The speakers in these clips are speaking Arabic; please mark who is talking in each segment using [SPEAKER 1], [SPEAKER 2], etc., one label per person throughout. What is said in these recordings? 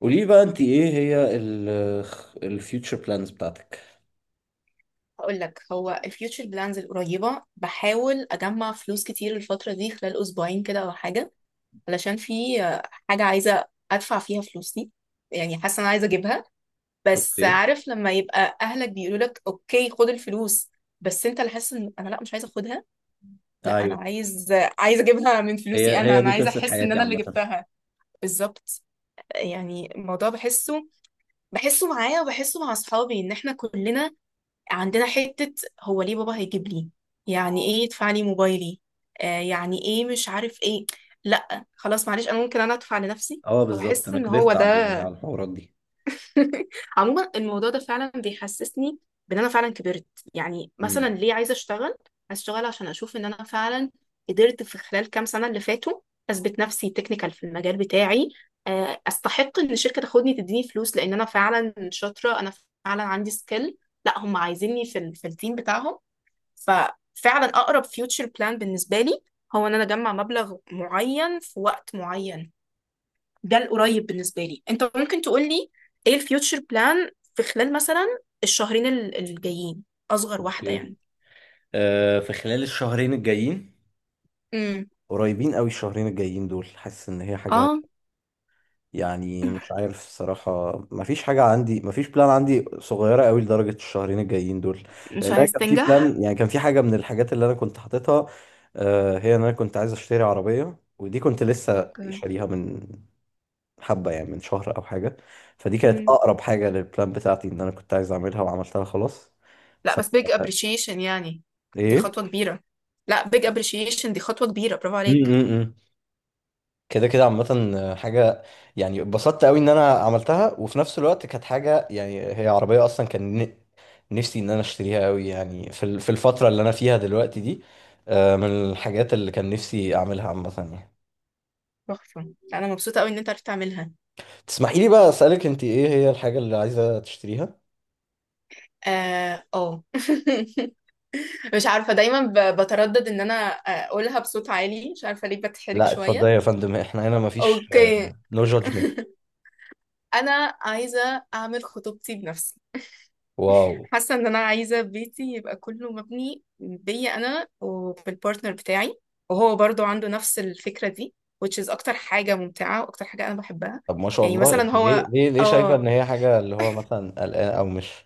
[SPEAKER 1] قولي لي بقى، انت ايه هي الفيوتشر بلانز بتاعتك؟
[SPEAKER 2] هقول لك هو الفيوتشر بلانز القريبة. بحاول أجمع فلوس كتير الفترة دي خلال أسبوعين كده أو حاجة، علشان في حاجة عايزة أدفع فيها فلوسي. يعني حاسة أنا عايزة أجيبها، بس
[SPEAKER 1] اوكي.
[SPEAKER 2] عارف لما يبقى أهلك بيقولوا لك أوكي خد الفلوس، بس أنت اللي حاسس إن أنا لأ مش عايزة أخدها. لأ أنا
[SPEAKER 1] ايوه.
[SPEAKER 2] عايزة أجيبها من فلوسي.
[SPEAKER 1] هي
[SPEAKER 2] أنا
[SPEAKER 1] هي دي
[SPEAKER 2] أنا عايزة
[SPEAKER 1] قصة
[SPEAKER 2] أحس إن
[SPEAKER 1] حياتي
[SPEAKER 2] أنا اللي
[SPEAKER 1] عامة.
[SPEAKER 2] جبتها. بالظبط. يعني الموضوع بحسه معايا وبحسه مع أصحابي، إن إحنا كلنا عندنا حتة هو ليه بابا هيجيب لي، يعني ايه يدفع لي موبايلي؟ يعني ايه مش عارف ايه. لا خلاص معلش، انا ممكن ادفع لنفسي،
[SPEAKER 1] اه، بالظبط.
[SPEAKER 2] فبحس
[SPEAKER 1] انا
[SPEAKER 2] ان هو
[SPEAKER 1] كبرت على
[SPEAKER 2] ده.
[SPEAKER 1] على الحوارات دي.
[SPEAKER 2] عموما الموضوع ده فعلا بيحسسني بان انا فعلا كبرت. يعني مثلا
[SPEAKER 1] امم.
[SPEAKER 2] ليه عايزة اشتغل؟ عشان اشوف ان انا فعلا قدرت في خلال كام سنة اللي فاتوا اثبت نفسي تكنيكال في المجال بتاعي، استحق ان الشركة تاخدني تديني فلوس لان انا فعلا شاطرة، انا فعلا عندي سكيل، لا هم عايزيني في التيم بتاعهم. ففعلا اقرب فيوتشر بلان بالنسبه لي هو ان انا اجمع مبلغ معين في وقت معين. ده القريب بالنسبه لي. انت ممكن تقول لي ايه الفيوتشر بلان في خلال مثلا الشهرين الجايين، اصغر واحده
[SPEAKER 1] اوكي.
[SPEAKER 2] يعني.
[SPEAKER 1] آه، في خلال الشهرين الجايين.
[SPEAKER 2] امم.
[SPEAKER 1] قريبين قوي الشهرين الجايين دول، حاسس ان هي حاجة.
[SPEAKER 2] اه.
[SPEAKER 1] يعني مش عارف الصراحة، مفيش حاجة عندي، مفيش بلان عندي صغيرة قوي لدرجة الشهرين الجايين دول.
[SPEAKER 2] مش
[SPEAKER 1] لأن أنا
[SPEAKER 2] عايز
[SPEAKER 1] كان في
[SPEAKER 2] تنجح.
[SPEAKER 1] بلان، يعني كان في حاجة من الحاجات اللي أنا كنت حاططها. هي إن أنا كنت عايز أشتري عربية، ودي كنت لسه
[SPEAKER 2] اوكي.
[SPEAKER 1] شاريها من حبة، يعني من شهر أو حاجة. فدي كانت
[SPEAKER 2] امم.
[SPEAKER 1] أقرب حاجة للبلان بتاعتي، إن أنا كنت عايز أعملها وعملتها خلاص.
[SPEAKER 2] لا
[SPEAKER 1] ف
[SPEAKER 2] بس big appreciation يعني، دي
[SPEAKER 1] إيه؟
[SPEAKER 2] خطوه كبيره. لا big appreciation، دي خطوه كبيره، برافو
[SPEAKER 1] م- م-
[SPEAKER 2] عليك.
[SPEAKER 1] م. كده كده عامة حاجة. يعني اتبسطت قوي ان انا عملتها، وفي نفس الوقت كانت حاجة، يعني هي عربية اصلا كان نفسي ان انا اشتريها قوي، يعني في الفترة اللي انا فيها دلوقتي دي. من الحاجات اللي كان نفسي اعملها عامة، يعني.
[SPEAKER 2] تحفه. لا، انا مبسوطه قوي ان انت عرفت تعملها.
[SPEAKER 1] تسمحي لي بقى اسألك، انت ايه هي الحاجة اللي عايزة تشتريها؟
[SPEAKER 2] اه آه. مش عارفة، بتردد ان انا اقولها بصوت عالي، مش عارفة ليه بتحرك
[SPEAKER 1] لا، اتفضلي
[SPEAKER 2] شوية.
[SPEAKER 1] يا فندم، احنا هنا مفيش
[SPEAKER 2] اوكي.
[SPEAKER 1] نو جادجمنت.
[SPEAKER 2] انا عايزة اعمل خطوبتي بنفسي.
[SPEAKER 1] واو.
[SPEAKER 2] حاسة ان انا عايزة بيتي يبقى كله مبني بيا انا وبالبارتنر بتاعي، وهو برضو عنده نفس الفكرة دي، which is اكتر حاجة ممتعة واكتر حاجة انا بحبها.
[SPEAKER 1] طب، ما شاء
[SPEAKER 2] يعني
[SPEAKER 1] الله.
[SPEAKER 2] مثلا
[SPEAKER 1] انت ليه
[SPEAKER 2] هو
[SPEAKER 1] ليه ليه شايفة
[SPEAKER 2] اه،
[SPEAKER 1] ان هي حاجة اللي هو مثلا قلقانة او مش،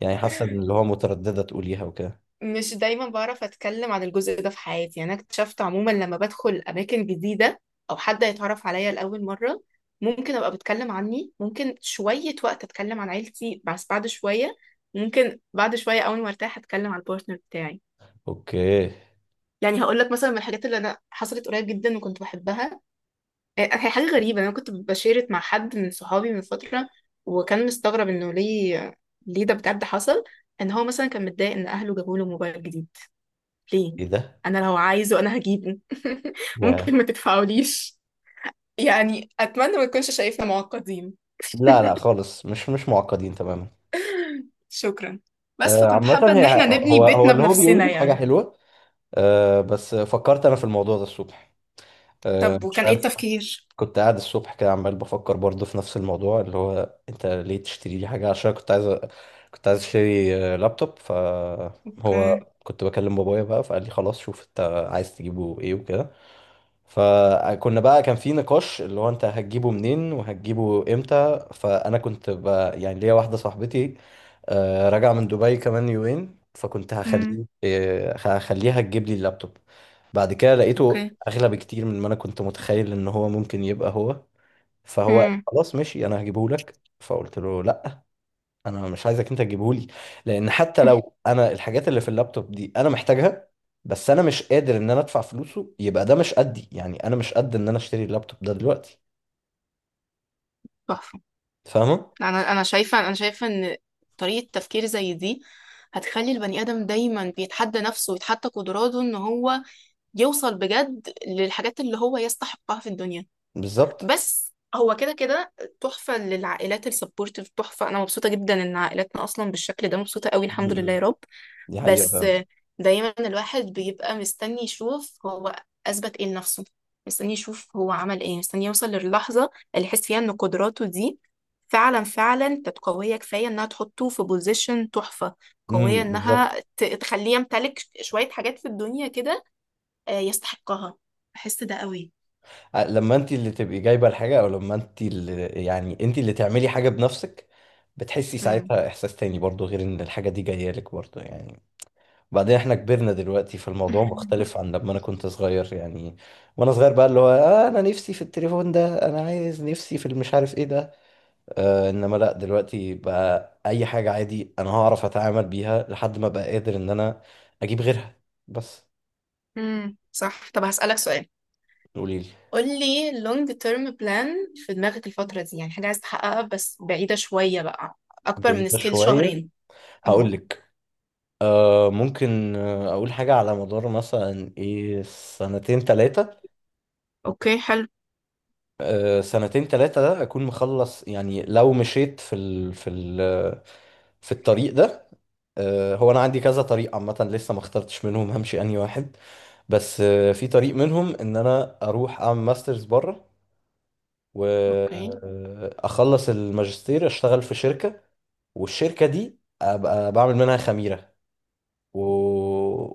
[SPEAKER 1] يعني حاسة ان اللي هو مترددة تقوليها وكده.
[SPEAKER 2] مش دايما بعرف اتكلم عن الجزء ده في حياتي. يعني انا اكتشفت عموما لما بدخل اماكن جديده او حد يتعرف عليا لاول مره، ممكن ابقى بتكلم عني ممكن شويه وقت، اتكلم عن عيلتي بس بعد شويه، ممكن بعد شويه اول ما ارتاح اتكلم عن البارتنر بتاعي.
[SPEAKER 1] اوكي.
[SPEAKER 2] يعني هقول لك مثلا من الحاجات اللي انا حصلت قريب جدا وكنت بحبها، هي حاجه غريبه. انا كنت بشيرت مع حد من صحابي من فتره، وكان مستغرب انه ليه، ليه ده بجد حصل، ان هو مثلا كان متضايق ان اهله جابوا له موبايل جديد. ليه؟
[SPEAKER 1] ايه ده؟
[SPEAKER 2] انا لو عايزه انا هجيبه.
[SPEAKER 1] يا
[SPEAKER 2] ممكن ما تدفعوليش. يعني أتمنى ما نكونش شايفنا معقدين.
[SPEAKER 1] لا لا، خالص. مش معقدين تماما.
[SPEAKER 2] شكرا. بس فكنت
[SPEAKER 1] عامة
[SPEAKER 2] حابة إن
[SPEAKER 1] هي
[SPEAKER 2] إحنا نبني
[SPEAKER 1] هو هو
[SPEAKER 2] بيتنا
[SPEAKER 1] اللي هو بيقوله،
[SPEAKER 2] بنفسنا
[SPEAKER 1] دي حاجة
[SPEAKER 2] يعني.
[SPEAKER 1] حلوة. بس فكرت أنا في الموضوع ده الصبح.
[SPEAKER 2] طب
[SPEAKER 1] مش
[SPEAKER 2] وكان إيه
[SPEAKER 1] عارف.
[SPEAKER 2] التفكير؟
[SPEAKER 1] كنت قاعد الصبح كده عمال بفكر برضه في نفس الموضوع، اللي هو أنت ليه تشتري لي حاجة، عشان كنت عايز كنت عايز أشتري لابتوب. فهو
[SPEAKER 2] أوكي.
[SPEAKER 1] كنت بكلم بابايا بقى، فقال لي خلاص، شوف أنت عايز تجيبه إيه وكده. فكنا بقى كان في نقاش اللي هو انت هتجيبه منين وهتجيبه امتى، فانا كنت بقى يعني ليا واحده صاحبتي راجعه من دبي كمان يومين، فكنت
[SPEAKER 2] أمم.
[SPEAKER 1] هخليها تجيب لي اللابتوب. بعد كده لقيته
[SPEAKER 2] أوكي.
[SPEAKER 1] اغلى بكتير من ما انا كنت متخيل ان هو ممكن يبقى هو. فهو
[SPEAKER 2] امم.
[SPEAKER 1] خلاص ماشي، انا هجيبه لك. فقلت له لا، انا مش عايزك انت تجيبهولي، لان حتى لو انا الحاجات اللي في اللابتوب دي انا محتاجها، بس انا مش قادر ان انا ادفع فلوسه، يبقى ده مش قدي، يعني انا مش قد ان انا اشتري اللابتوب ده دلوقتي.
[SPEAKER 2] تحفة.
[SPEAKER 1] فاهمه.
[SPEAKER 2] أنا شايفة إن طريقة تفكير زي دي هتخلي البني آدم دايما بيتحدى نفسه ويتحدى قدراته إن هو يوصل بجد للحاجات اللي هو يستحقها في الدنيا.
[SPEAKER 1] بالظبط.
[SPEAKER 2] بس هو كده كده تحفة، للعائلات السبورتيف تحفة. أنا مبسوطة جدا إن عائلاتنا أصلا بالشكل ده، مبسوطة قوي الحمد لله يا
[SPEAKER 1] م-م.
[SPEAKER 2] رب.
[SPEAKER 1] دي حقيقه
[SPEAKER 2] بس
[SPEAKER 1] فعلا.
[SPEAKER 2] دايما الواحد بيبقى مستني يشوف هو أثبت إيه لنفسه، مستني يشوف هو عمل إيه، مستني يوصل للحظة اللي يحس فيها إن قدراته دي فعلا فعلا كانت قوية كفاية إنها تحطه في بوزيشن تحفة، قوية
[SPEAKER 1] امم. بالظبط.
[SPEAKER 2] إنها تخليه يمتلك شوية حاجات في الدنيا كده يستحقها. بحس ده قوي.
[SPEAKER 1] لما انت اللي تبقي جايبه الحاجه، او لما انت اللي، يعني انت اللي تعملي حاجه بنفسك، بتحسي
[SPEAKER 2] مم.
[SPEAKER 1] ساعتها احساس تاني برضو غير ان الحاجه دي جايه لك برضو يعني. بعدين احنا كبرنا دلوقتي، فالموضوع مختلف عن لما انا كنت صغير يعني. وانا صغير بقى اللي هو انا نفسي في التليفون ده، انا عايز نفسي في المش عارف ايه ده. انما لا، دلوقتي بقى اي حاجة عادي انا هعرف اتعامل بيها لحد ما بقى قادر ان انا اجيب غيرها. بس.
[SPEAKER 2] صح. طب هسألك سؤال.
[SPEAKER 1] قولي لي.
[SPEAKER 2] قولي long term plan في دماغك الفترة دي، يعني حاجة عايز تحققها بس بعيدة شوية بقى، أكبر من
[SPEAKER 1] بعيدة
[SPEAKER 2] سكيل
[SPEAKER 1] شوية.
[SPEAKER 2] شهرين.
[SPEAKER 1] هقول
[SPEAKER 2] اه.
[SPEAKER 1] لك. ممكن اقول حاجة على مدار مثلا ايه سنتين تلاتة.
[SPEAKER 2] اوكي حلو.
[SPEAKER 1] سنتين تلاتة ده أكون مخلص، يعني لو مشيت في الطريق ده. هو أنا عندي كذا طريق عامة، لسه ما اخترتش منهم همشي أنهي واحد. بس في طريق منهم إن أنا أروح أعمل ماسترز بره،
[SPEAKER 2] اوكي.
[SPEAKER 1] وأخلص الماجستير، أشتغل في شركة، والشركة دي أبقى بعمل منها خميرة، و...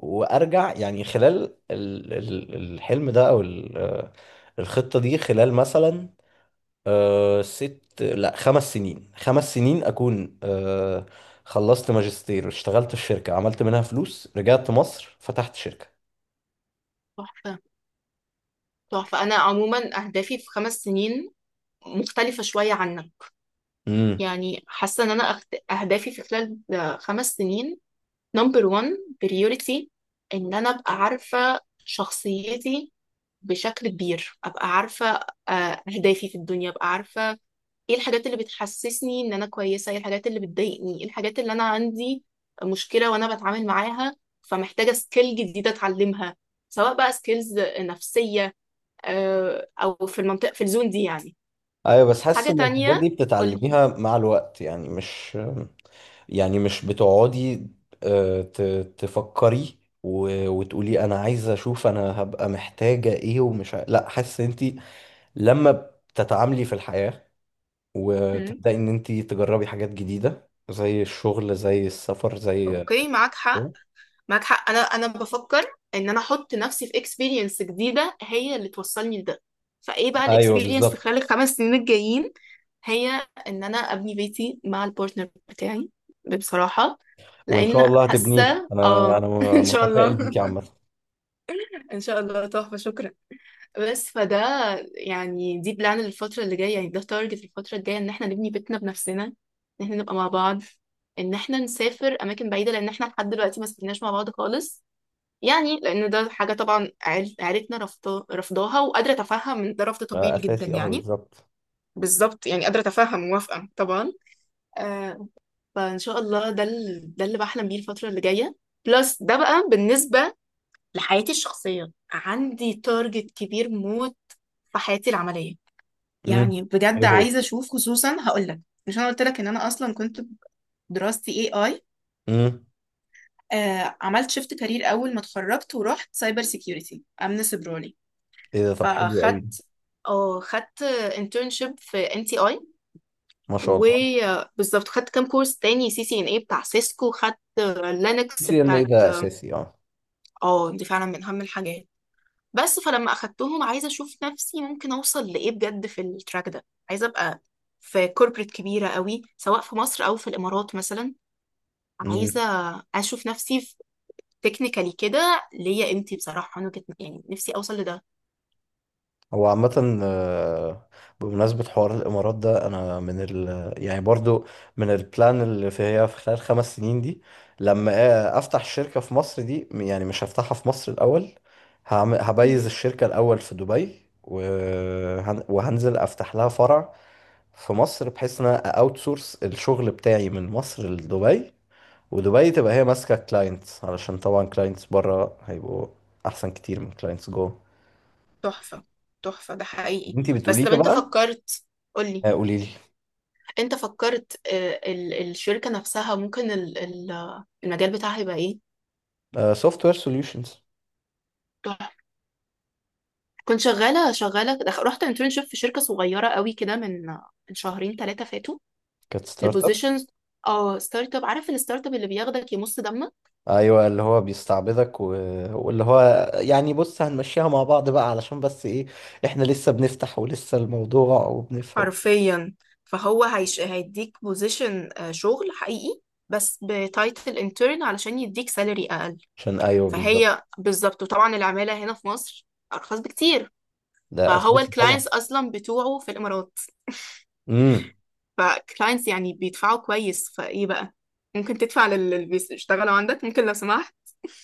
[SPEAKER 1] وأرجع يعني خلال الحلم ده، أو الخطة دي، خلال مثلا لا، خمس سنين خمس سنين أكون خلصت ماجستير، اشتغلت في شركة، عملت منها فلوس، رجعت مصر، فتحت شركة.
[SPEAKER 2] تحفة. تحفة. أنا عموما أهدافي في خمس سنين مختلفة شوية عنك.
[SPEAKER 1] امم.
[SPEAKER 2] يعني حاسة إن أنا أهدافي في خلال خمس سنين، نمبر 1 بريوريتي، إن أنا أبقى عارفة شخصيتي بشكل كبير، أبقى عارفة أهدافي في الدنيا، أبقى عارفة ايه الحاجات اللي بتحسسني ان انا كويسه، ايه الحاجات اللي بتضايقني، ايه الحاجات اللي انا عندي مشكله وانا بتعامل معاها، فمحتاجه سكيل جديده اتعلمها، سواء بقى سكيلز نفسيه او في المنطقه في الزون دي يعني.
[SPEAKER 1] ايوه بس حاسس
[SPEAKER 2] حاجه
[SPEAKER 1] ان الحاجات
[SPEAKER 2] تانية.
[SPEAKER 1] دي
[SPEAKER 2] قولي.
[SPEAKER 1] بتتعلميها مع الوقت، يعني مش، يعني مش بتقعدي تفكري وتقولي انا عايزه اشوف انا هبقى محتاجه ايه، ومش لا، حاسس ان انت لما بتتعاملي في الحياه،
[SPEAKER 2] مم.
[SPEAKER 1] وتبدأي إن أنت تجربي حاجات جديدة زي الشغل زي السفر زي
[SPEAKER 2] اوكي
[SPEAKER 1] حاجات
[SPEAKER 2] معاك حق.
[SPEAKER 1] كده.
[SPEAKER 2] معاك حق. انا بفكر ان انا احط نفسي في اكسبيرينس جديده هي اللي توصلني لده. فايه بقى
[SPEAKER 1] ايوه
[SPEAKER 2] الاكسبيرينس في
[SPEAKER 1] بالظبط.
[SPEAKER 2] خلال الخمس سنين الجايين؟ هي ان انا ابني بيتي مع البارتنر بتاعي بصراحه،
[SPEAKER 1] وان شاء
[SPEAKER 2] لان
[SPEAKER 1] الله هتبنيه،
[SPEAKER 2] حاسه اه
[SPEAKER 1] انا انا
[SPEAKER 2] ان شاء
[SPEAKER 1] متفائل
[SPEAKER 2] الله.
[SPEAKER 1] بيك يا عم.
[SPEAKER 2] ان شاء الله تحفه شكرا. بس فده يعني دي بلان للفتره اللي جايه، يعني ده تارجت الفتره الجايه، ان احنا نبني بيتنا بنفسنا، ان احنا نبقى مع بعض، ان احنا نسافر اماكن بعيده، لان احنا لحد دلوقتي ما سافرناش مع بعض خالص. يعني لان ده حاجه طبعا عيلتنا رافضاها، وقادره اتفهم ان ده رفض طبيعي جدا
[SPEAKER 1] اساسي، اه،
[SPEAKER 2] يعني.
[SPEAKER 1] بالظبط.
[SPEAKER 2] بالظبط. يعني قادره اتفهم، موافقه طبعا. آه. فان شاء الله ده ده اللي بحلم بيه الفتره اللي جايه. بلس ده بقى بالنسبه لحياتي الشخصيه، عندي تارجت كبير موت في حياتي العمليه.
[SPEAKER 1] امم.
[SPEAKER 2] يعني بجد
[SPEAKER 1] ايه هو.
[SPEAKER 2] عايزه اشوف، خصوصا هقول لك، مش انا قلت لك ان انا اصلا كنت دراستي اي اي،
[SPEAKER 1] امم.
[SPEAKER 2] عملت شيفت كارير اول ما اتخرجت ورحت سايبر سيكيورتي امن سيبراني.
[SPEAKER 1] ايه ده، طب حلو قوي ده.
[SPEAKER 2] فخدت اه، خدت internship في NTI،
[SPEAKER 1] ما شاء الله.
[SPEAKER 2] وبالظبط خدت كام كورس تاني، سي سي ان اي بتاع سيسكو، خدت لينكس
[SPEAKER 1] CNA
[SPEAKER 2] بتاعت
[SPEAKER 1] ده
[SPEAKER 2] اه
[SPEAKER 1] اساسي.
[SPEAKER 2] دي فعلا من اهم الحاجات. بس فلما اخدتهم عايزه اشوف نفسي ممكن اوصل لايه بجد في التراك ده. عايزه ابقى في كوربريت كبيره قوي، سواء في مصر او في الامارات مثلا.
[SPEAKER 1] اه،
[SPEAKER 2] عايزه اشوف نفسي في تكنيكالي كده ليا قيمتي بصراحه، انا كنت يعني نفسي اوصل لده.
[SPEAKER 1] هو عامة بمناسبة حوار الإمارات ده، أنا من ال، يعني برضو، من البلان اللي في، هي في خلال 5 سنين دي، لما أفتح شركة في مصر دي، يعني مش هفتحها في مصر الأول، هبيز الشركة الأول في دبي، وهنزل أفتح لها فرع في مصر، بحيث إن أنا أوت سورس الشغل بتاعي من مصر لدبي، ودبي تبقى هي ماسكة كلاينتس، علشان طبعا كلاينتس بره هيبقوا أحسن كتير من كلاينتس جوه.
[SPEAKER 2] تحفة. تحفة ده حقيقي.
[SPEAKER 1] انتي بتقولي
[SPEAKER 2] بس طب
[SPEAKER 1] لي
[SPEAKER 2] انت
[SPEAKER 1] بقى.
[SPEAKER 2] فكرت، قولي.
[SPEAKER 1] قولي لي.
[SPEAKER 2] انت فكرت آه، ال- الشركة نفسها ممكن المجال بتاعها يبقى ايه؟
[SPEAKER 1] سوفت وير سوليوشنز.
[SPEAKER 2] تحفة. كنت شغالة رحت انترنشيب في شركة صغيرة قوي كده من من شهرين ثلاثة فاتوا،
[SPEAKER 1] كانت ستارت اب.
[SPEAKER 2] لبوزيشنز. اه ستارت اب، عارف الستارت اب اللي بياخدك يمص دمك
[SPEAKER 1] ايوه، اللي هو بيستعبدك واللي هو، يعني بص هنمشيها مع بعض بقى علشان بس ايه، احنا لسه بنفتح ولسه الموضوع وبنفهم.
[SPEAKER 2] حرفيا. فهو هيديك بوزيشن شغل حقيقي بس بتايتل انترن علشان يديك سالري اقل.
[SPEAKER 1] عشان، ايوه بالظبط.
[SPEAKER 2] فهي بالظبط. وطبعا العمالة هنا في مصر أرخص بكتير.
[SPEAKER 1] ده
[SPEAKER 2] فهو
[SPEAKER 1] اساسي طبعا.
[SPEAKER 2] الكلاينتس أصلا بتوعه في الإمارات،
[SPEAKER 1] امم.
[SPEAKER 2] فكلاينتس يعني بيدفعوا كويس، فإيه بقى، ممكن تدفع للي بيشتغلوا عندك ممكن لو سمحت.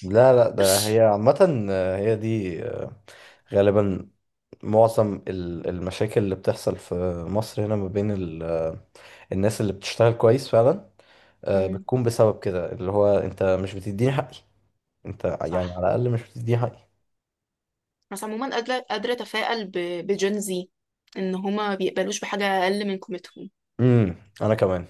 [SPEAKER 1] لا لا، ده هي عامة، هي دي غالبا معظم المشاكل اللي بتحصل في مصر هنا، ما بين الناس اللي بتشتغل كويس فعلا،
[SPEAKER 2] مم.
[SPEAKER 1] بتكون بسبب كده، اللي هو انت مش بتديني حقي، انت يعني
[SPEAKER 2] صح.
[SPEAKER 1] على الاقل مش دي حقيقة.
[SPEAKER 2] بس عموما قادرة، قادرة أتفائل بجين زي، إن هما بيقبلوش بحاجة أقل من قيمتهم
[SPEAKER 1] امم. انا كمان